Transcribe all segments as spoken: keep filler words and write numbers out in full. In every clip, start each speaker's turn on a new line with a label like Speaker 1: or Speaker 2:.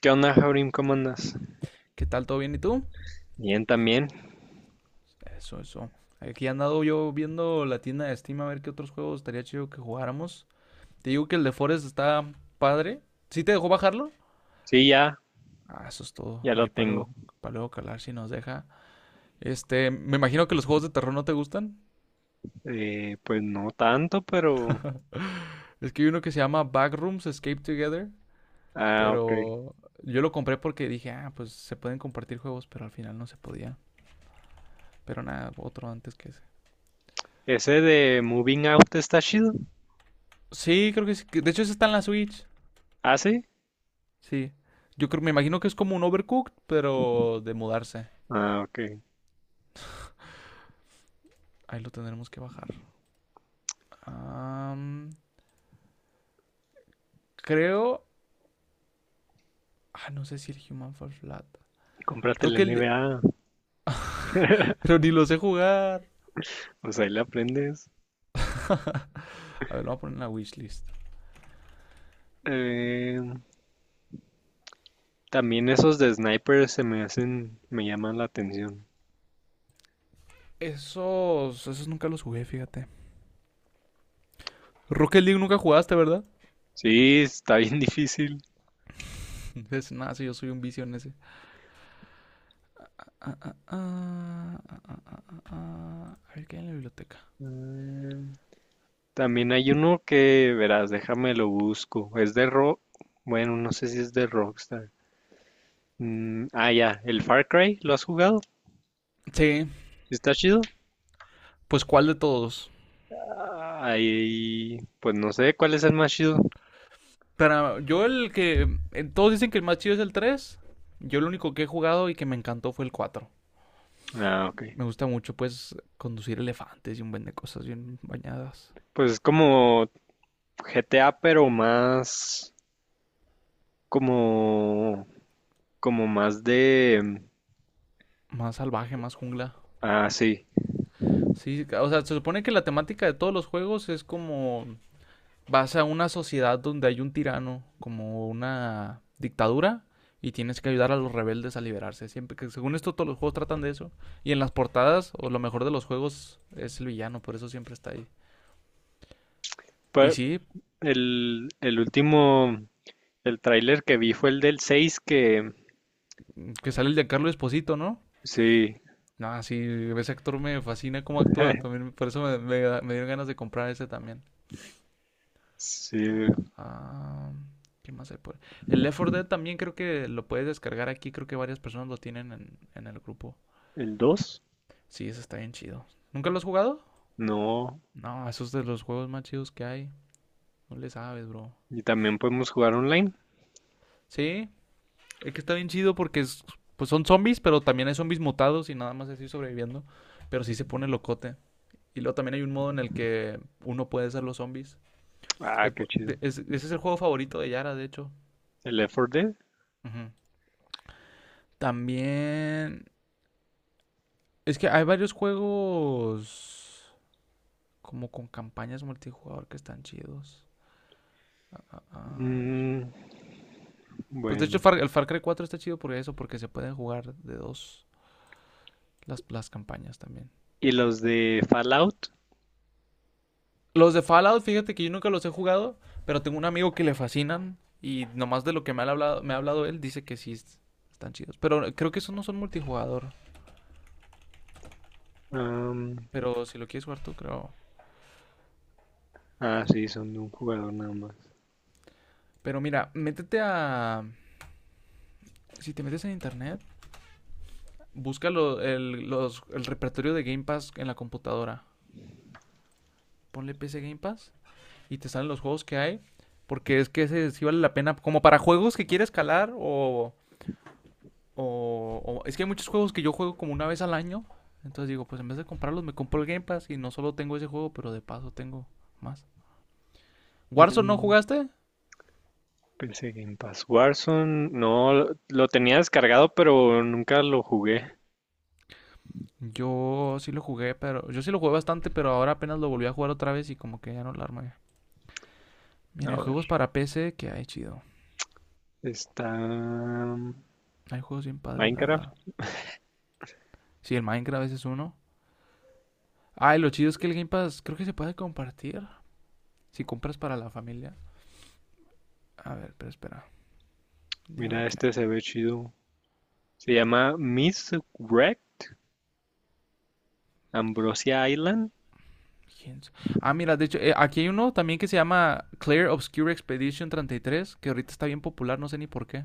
Speaker 1: ¿Qué onda, Jaurim? ¿Cómo andas?
Speaker 2: ¿Qué tal? ¿Todo bien? ¿Y tú?
Speaker 1: Bien, también.
Speaker 2: Eso, eso. Aquí he andado yo viendo la tienda de Steam a ver qué otros juegos estaría chido que jugáramos. Te digo que el de Forest está padre. ¿Sí te dejó bajarlo?
Speaker 1: Sí, ya,
Speaker 2: Ah, eso es todo.
Speaker 1: ya lo
Speaker 2: Ahí para
Speaker 1: tengo.
Speaker 2: luego, para luego calar si nos deja. Este, me imagino que los juegos de terror no te gustan.
Speaker 1: Eh, pues no tanto, pero...
Speaker 2: Es que hay uno que se llama Backrooms Escape Together,
Speaker 1: Ah, ok.
Speaker 2: pero yo lo compré porque dije, ah, pues se pueden compartir juegos, pero al final no se podía. Pero nada, otro antes que ese.
Speaker 1: Ese de Moving Out está chido.
Speaker 2: Sí, creo que sí. que- De hecho, ese está en la Switch.
Speaker 1: ¿Ah, sí?
Speaker 2: Sí. Yo creo, me imagino que es como un Overcooked, pero de mudarse.
Speaker 1: Ah, ok.
Speaker 2: Ahí lo tendremos que bajar. Am, Creo. Ah, no sé si el Human Fall Flat.
Speaker 1: Cómprate
Speaker 2: Creo
Speaker 1: el
Speaker 2: que el-
Speaker 1: N B A.
Speaker 2: Pero ni lo sé jugar.
Speaker 1: Pues ahí le aprendes.
Speaker 2: A ver, lo voy a poner en la wishlist.
Speaker 1: Eh, También esos de Sniper se me hacen, me llaman la atención.
Speaker 2: Esos. Esos nunca los jugué, fíjate. Rocket League nunca jugaste, ¿verdad?
Speaker 1: Sí, está bien difícil.
Speaker 2: Es nada, sí, yo soy un vicio en ese. Ah, ah, ah, ah, ah, ah, ah. ah, ah. A ver, ¿qué hay en la biblioteca?
Speaker 1: Eh, También hay uno que, verás, déjame lo busco. Es de Rock. Bueno, no sé si es de Rockstar. Mm, ah, ya, el Far Cry, ¿lo has jugado?
Speaker 2: Sí.
Speaker 1: ¿Está chido?
Speaker 2: Pues, ¿cuál de todos?
Speaker 1: Ay, pues no sé cuál es el más chido.
Speaker 2: Para yo el que eh, todos dicen que el más chido es el tres. Yo el único que he jugado y que me encantó fue el cuatro.
Speaker 1: Ah, ok.
Speaker 2: Me gusta mucho pues conducir elefantes y un buen de cosas bien bañadas,
Speaker 1: Pues es como G T A, pero más como como más de
Speaker 2: más salvaje, más jungla.
Speaker 1: ah, sí.
Speaker 2: Sí, o sea, se supone que la temática de todos los juegos es como vas a una sociedad donde hay un tirano, como una dictadura y tienes que ayudar a los rebeldes a liberarse. Siempre que según esto todos los juegos tratan de eso y en las portadas o lo mejor de los juegos es el villano, por eso siempre está ahí. Y
Speaker 1: Pues
Speaker 2: sí,
Speaker 1: el el último el tráiler que vi fue el del seis que
Speaker 2: que sale el de Carlos Esposito, ¿no?
Speaker 1: sí.
Speaker 2: No, sí, ese actor me fascina cómo actúa también. Por eso me, me, me dieron ganas de comprar ese también.
Speaker 1: Sí,
Speaker 2: Ah, ah, ¿Qué más hay por ahí? El Left cuatro Dead también creo que lo puedes descargar aquí. Creo que varias personas lo tienen en, en el grupo.
Speaker 1: el dos.
Speaker 2: Sí, ese está bien chido. ¿Nunca lo has jugado?
Speaker 1: No,
Speaker 2: No, esos es de los juegos más chidos que hay. No le sabes, bro.
Speaker 1: y también podemos jugar online.
Speaker 2: Sí, es que está bien chido porque es- pues son zombies, pero también hay zombies mutados y nada más así sobreviviendo. Pero sí se pone locote. Y luego también hay un modo en el que uno puede ser los zombies.
Speaker 1: Ah,
Speaker 2: Eh,
Speaker 1: qué chido.
Speaker 2: es- Ese es el juego favorito de Yara, de hecho.
Speaker 1: El Left four Dead.
Speaker 2: Ujú. También... Es que hay varios juegos como con campañas multijugador que están chidos. Ah, ah, ah, a ver.
Speaker 1: Mm,
Speaker 2: Pues de hecho el
Speaker 1: bueno,
Speaker 2: Far, el Far Cry cuatro está chido por eso, porque se pueden jugar de dos las, las campañas también.
Speaker 1: y los de Fallout.
Speaker 2: Los de Fallout, fíjate que yo nunca los he jugado, pero tengo un amigo que le fascinan y nomás de lo que me ha hablado, me ha hablado él, dice que sí es- están chidos. Pero creo que esos no son multijugador.
Speaker 1: am,
Speaker 2: Pero si lo quieres jugar tú, creo.
Speaker 1: ah, sí, son de un jugador nada más.
Speaker 2: Pero mira, métete a. Si te metes en internet, busca lo- el, los- el repertorio de Game Pass en la computadora. Ponle P C Game Pass y te salen los juegos que hay. Porque es que ese sí vale la pena. Como para juegos que quieres calar o, o- o- Es que hay muchos juegos que yo juego como una vez al año. Entonces digo, pues en vez de comprarlos, me compro el Game Pass y no solo tengo ese juego, pero de paso tengo más. ¿Warzone no
Speaker 1: Mm,
Speaker 2: jugaste?
Speaker 1: pensé Game Pass. Warzone, no, lo- tenía descargado, pero nunca lo jugué.
Speaker 2: Yo sí lo jugué, pero yo sí lo jugué bastante, pero ahora apenas lo volví a jugar otra vez y como que ya no lo armé.
Speaker 1: A
Speaker 2: Miren,
Speaker 1: ver,
Speaker 2: juegos para P C que hay chido.
Speaker 1: está mm,
Speaker 2: Hay juegos bien padres, la
Speaker 1: Minecraft.
Speaker 2: verdad. Sí, el Minecraft ese es uno. Ah, y lo chido es que el Game Pass creo que se puede compartir si compras para la familia. A ver, pero espera. Digo a ver
Speaker 1: Mira,
Speaker 2: qué hay.
Speaker 1: este se ve chido. Se llama Miss Wreck, Ambrosia Island.
Speaker 2: Ah, mira, de hecho, eh, aquí hay uno también que se llama Clear Obscure Expedition treinta y tres que ahorita está bien popular, no sé ni por qué.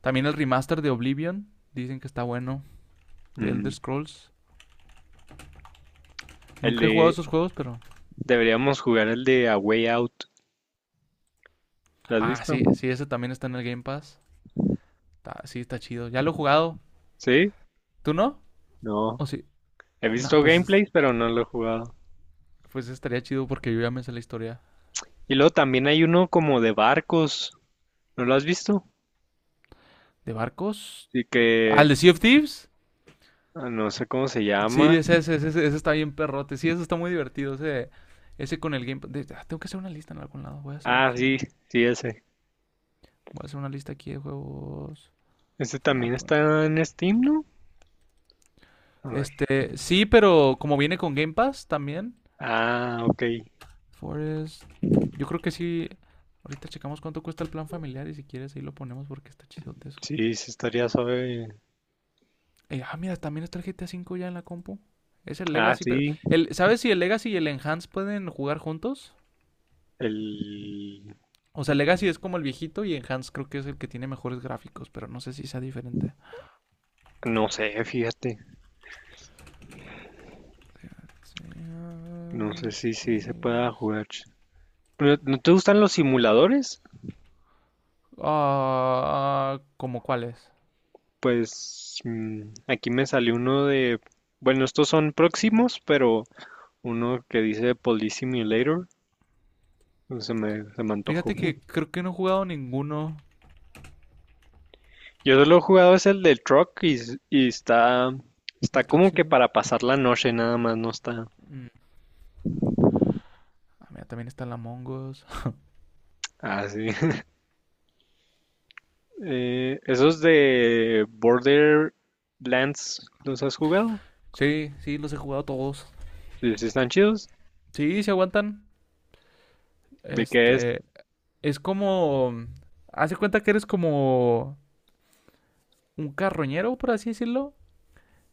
Speaker 2: También el remaster de Oblivion, dicen que está bueno, de Elder
Speaker 1: Mm,
Speaker 2: Scrolls.
Speaker 1: el
Speaker 2: Nunca he jugado
Speaker 1: de,
Speaker 2: esos juegos, pero...
Speaker 1: deberíamos jugar el de A Way Out. ¿Lo has
Speaker 2: Ah,
Speaker 1: visto?
Speaker 2: sí, sí, ese también está en el Game Pass. Está- sí, está chido. Ya lo he jugado.
Speaker 1: ¿Sí?
Speaker 2: ¿Tú no? ¿O
Speaker 1: No.
Speaker 2: sí?
Speaker 1: He
Speaker 2: No,
Speaker 1: visto
Speaker 2: pues, es-
Speaker 1: gameplays, pero no lo he jugado.
Speaker 2: pues estaría chido porque yo ya me sé la historia.
Speaker 1: Y luego también hay uno como de barcos. ¿No lo has visto?
Speaker 2: ¿De barcos?
Speaker 1: Sí
Speaker 2: ¿Al
Speaker 1: que
Speaker 2: de Sea of Thieves?
Speaker 1: ah, no sé cómo se
Speaker 2: Sí,
Speaker 1: llama.
Speaker 2: ese, ese, ese, ese está bien perrote. Sí, eso está muy divertido. Ese, ese con el Game Pass. De- ah, tengo que hacer una lista en algún lado. Voy a hacer
Speaker 1: Ah,
Speaker 2: aquí.
Speaker 1: sí,
Speaker 2: Un-
Speaker 1: sí, ese.
Speaker 2: voy a hacer una lista aquí de juegos.
Speaker 1: Ese
Speaker 2: Ah,
Speaker 1: también
Speaker 2: por-
Speaker 1: está en Steam, ¿no? A ver.
Speaker 2: Este, sí, pero como viene con Game Pass también,
Speaker 1: Ah, ok.
Speaker 2: Forest. Yo creo que sí. Ahorita checamos cuánto cuesta el plan familiar y si quieres ahí lo ponemos porque está chidote eso.
Speaker 1: Sí, sí estaría suave.
Speaker 2: Eh, ah, mira, también está el G T A cinco ya en la compu. Es el
Speaker 1: Ah,
Speaker 2: Legacy, pero...
Speaker 1: sí.
Speaker 2: El, ¿Sabes si el Legacy y el Enhance pueden jugar juntos?
Speaker 1: El,
Speaker 2: O sea,
Speaker 1: el-
Speaker 2: Legacy es como el viejito y Enhance creo que es el que tiene mejores gráficos, pero no sé si sea diferente.
Speaker 1: No sé, fíjate.
Speaker 2: Sí,
Speaker 1: No sé si si se pueda jugar. ¿No, no te gustan los simuladores?
Speaker 2: ah, ah, ¿Como cuáles?
Speaker 1: Pues mm, aquí me salió uno de... Bueno, estos son próximos, pero uno que dice Police Simulator. Se me, se me antojó.
Speaker 2: Fíjate que creo que no he jugado ninguno
Speaker 1: Yo solo he jugado es el del truck y, s- y está, está
Speaker 2: del Truck
Speaker 1: como que
Speaker 2: Simulator.
Speaker 1: para pasar la noche nada más, no está
Speaker 2: Mm. Ah, mira, también está la Mongos.
Speaker 1: así. Eh, esos de Borderlands, ¿los has jugado?
Speaker 2: Sí, sí, los he jugado todos.
Speaker 1: Sí, sí están chidos.
Speaker 2: Sí, se aguantan.
Speaker 1: ¿De qué es?
Speaker 2: Este, es como, hace cuenta que eres como un carroñero, por así decirlo,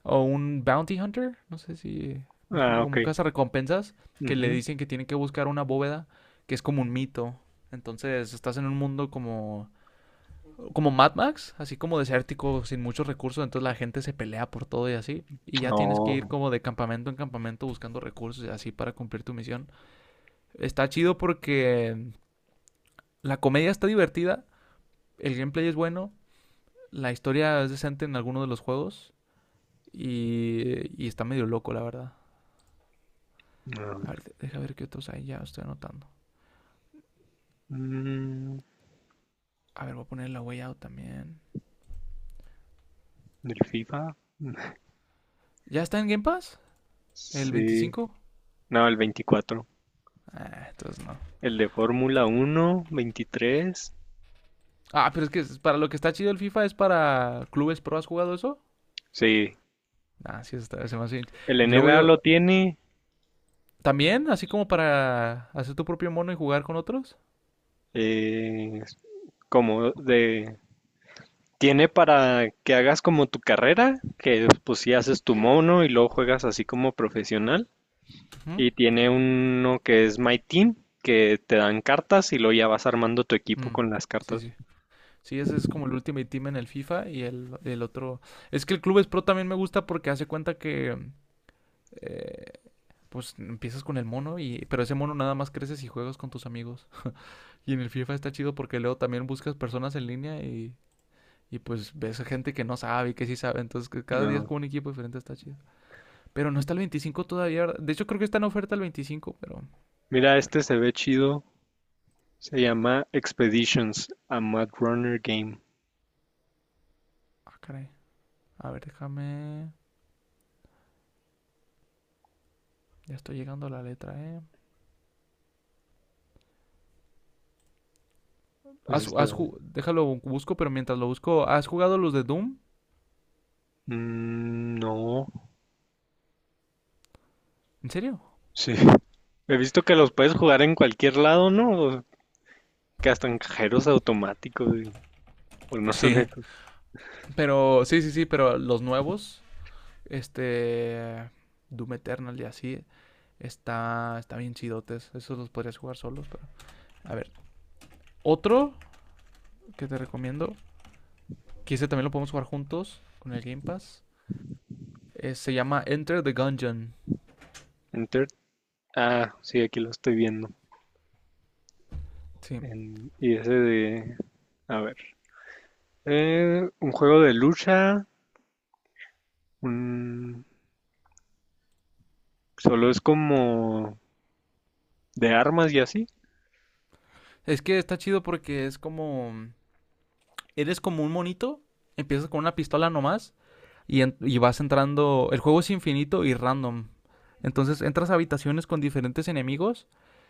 Speaker 2: o un bounty hunter, no sé si me explico,
Speaker 1: Ah,
Speaker 2: como
Speaker 1: ok.
Speaker 2: un cazarrecompensas, que le
Speaker 1: Ujú.
Speaker 2: dicen que tiene que buscar una bóveda, que es como un mito. Entonces, estás en un mundo como como Mad Max, así como desértico, sin muchos recursos, entonces la gente se pelea por todo y así, y ya tienes que ir
Speaker 1: Oh,
Speaker 2: como de campamento en campamento buscando recursos y así para cumplir tu misión. Está chido porque mm, la comedia está divertida, el gameplay es bueno, la historia es decente en alguno de los juegos y, y está medio loco, la verdad.
Speaker 1: no.
Speaker 2: A ver, deja ver qué otros hay, ya estoy anotando.
Speaker 1: Mm,
Speaker 2: A ver, voy a poner la Way Out también.
Speaker 1: ¿del FIFA?
Speaker 2: ¿Ya está en Game Pass? ¿El
Speaker 1: Sí.
Speaker 2: veinticinco?
Speaker 1: No, el veinticuatro.
Speaker 2: Ah, entonces no.
Speaker 1: El de Fórmula Uno veintitrés.
Speaker 2: Ah, pero es que para lo que está chido el FIFA es para clubes pro. ¿Has jugado eso?
Speaker 1: Sí.
Speaker 2: Ah, sí, eso está, se me hace...
Speaker 1: El
Speaker 2: Luego
Speaker 1: N B A
Speaker 2: yo...
Speaker 1: lo tiene.
Speaker 2: ¿También? ¿Así como para hacer tu propio mono y jugar con otros?
Speaker 1: Eh, como de Tiene para que hagas como tu carrera, que pues si haces tu mono y luego juegas así como profesional.
Speaker 2: ¿Mm?
Speaker 1: Y tiene uno que es My Team, que te dan cartas y luego ya vas armando tu equipo
Speaker 2: Mm,
Speaker 1: con las
Speaker 2: sí,
Speaker 1: cartas.
Speaker 2: sí. Sí, ese es como el Ultimate Team en el FIFA y el, el otro... Es que el Clubes Pro también me gusta porque hace cuenta que... eh, pues empiezas con el mono y... Pero ese mono nada más creces y juegas con tus amigos. Y en el FIFA está chido porque luego también buscas personas en línea y... Y pues ves a gente que no sabe y que sí sabe. Entonces que cada día es
Speaker 1: No.
Speaker 2: como un equipo diferente, está chido. Pero no está el veinticinco todavía. ¿Verdad? De hecho creo que está en oferta el veinticinco pero...
Speaker 1: Mira,
Speaker 2: Pero...
Speaker 1: este se ve chido. Se llama Expeditions, a Mad Runner Game.
Speaker 2: Ah, caray. A ver, déjame... Ya estoy llegando a la letra, ¿eh?
Speaker 1: Ese
Speaker 2: Has,
Speaker 1: se
Speaker 2: has
Speaker 1: ve.
Speaker 2: Déjalo, busco, pero mientras lo busco, ¿has jugado los de Doom?
Speaker 1: Mm, no,
Speaker 2: ¿En serio?
Speaker 1: sí. He visto que los puedes jugar en cualquier lado, ¿no? Que hasta en cajeros automáticos. y- O no son
Speaker 2: Sí.
Speaker 1: estos.
Speaker 2: Pero, sí, sí, sí, pero los nuevos, este, Doom Eternal y así, está, está bien chidotes. Esos los podrías jugar solos, pero... A ver, otro que te recomiendo, que ese también lo podemos jugar juntos con el Game Pass, eh, se llama Enter the Gungeon.
Speaker 1: Enter. Ah, sí, aquí lo estoy viendo.
Speaker 2: Sí.
Speaker 1: En- y ese de... A ver. Eh, un juego de lucha. Un... Solo es como de armas y así.
Speaker 2: Es que está chido porque es como... Eres como un monito, empiezas con una pistola nomás y, en- y vas entrando, el juego es infinito y random. Entonces entras a habitaciones con diferentes enemigos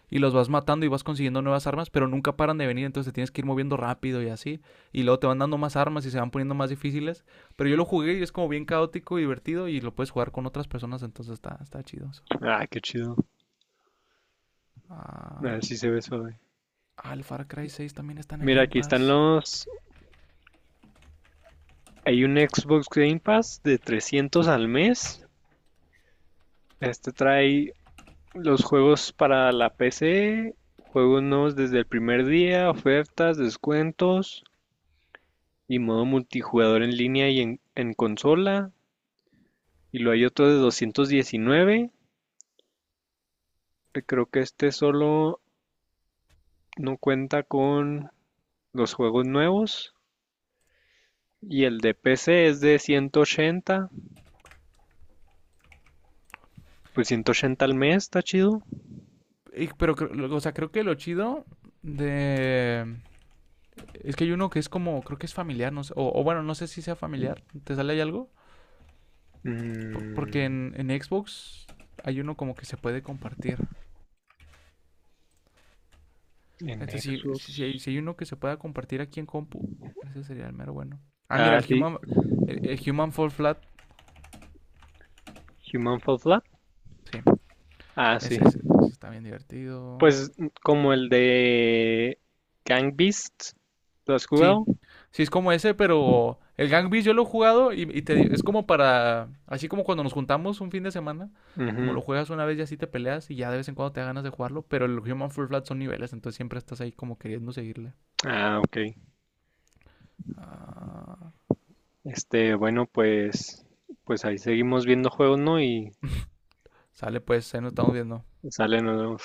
Speaker 2: y los vas matando y vas consiguiendo nuevas armas, pero nunca paran de venir, entonces te tienes que ir moviendo rápido y así. Y luego te van dando más armas y se van poniendo más difíciles. Pero yo lo jugué y es como bien caótico y divertido y lo puedes jugar con otras personas, entonces está, está chido eso.
Speaker 1: Ah, qué chido. A
Speaker 2: Ah,
Speaker 1: ver si se ve suave.
Speaker 2: ah, el Far Cry seis también está en el
Speaker 1: Mira,
Speaker 2: Game
Speaker 1: aquí están
Speaker 2: Pass.
Speaker 1: los... Hay un Xbox Game Pass de trescientos al mes. Este trae los juegos para la P C, juegos nuevos desde el primer día, ofertas, descuentos y modo multijugador en línea y en, en consola. Y luego hay otro de doscientos diecinueve que creo que este solo no cuenta con los juegos nuevos. Y el de P C es de ciento ochenta. Pues ciento ochenta al mes, está chido.
Speaker 2: Y- pero, o sea, creo que lo chido de... Es que hay uno que es como, creo que es familiar, no sé, o, o bueno, no sé si sea familiar. ¿Te sale ahí algo? Por- porque
Speaker 1: Mm,
Speaker 2: en, en Xbox hay uno como que se puede compartir.
Speaker 1: en
Speaker 2: Entonces, si,
Speaker 1: Xbox.
Speaker 2: si, si hay, si hay uno que se pueda compartir aquí en compu, ese sería el mero bueno. Ah, mira,
Speaker 1: Ah,
Speaker 2: el
Speaker 1: sí.
Speaker 2: Human, el, el Human Fall Flat,
Speaker 1: Human Fall Flat.
Speaker 2: sí,
Speaker 1: Ah, sí.
Speaker 2: ese, ese- ese está bien divertido.
Speaker 1: Pues mm, como el de Gang Beasts. ¿Lo has
Speaker 2: Sí,
Speaker 1: jugado?
Speaker 2: sí es como ese, pero el Gang Beasts yo lo he jugado y, y te es como para, así como cuando nos juntamos un fin de semana, como
Speaker 1: Ujú.
Speaker 2: lo juegas una vez y así te peleas y ya de vez en cuando te da ganas de jugarlo, pero el Human Full Flat son niveles, entonces siempre estás ahí como queriendo seguirle.
Speaker 1: Ah, ok.
Speaker 2: Ah,
Speaker 1: Este, bueno, pues, pues ahí seguimos viendo juegos, ¿no? Y
Speaker 2: sale pues, ahí nos estamos viendo.
Speaker 1: salen los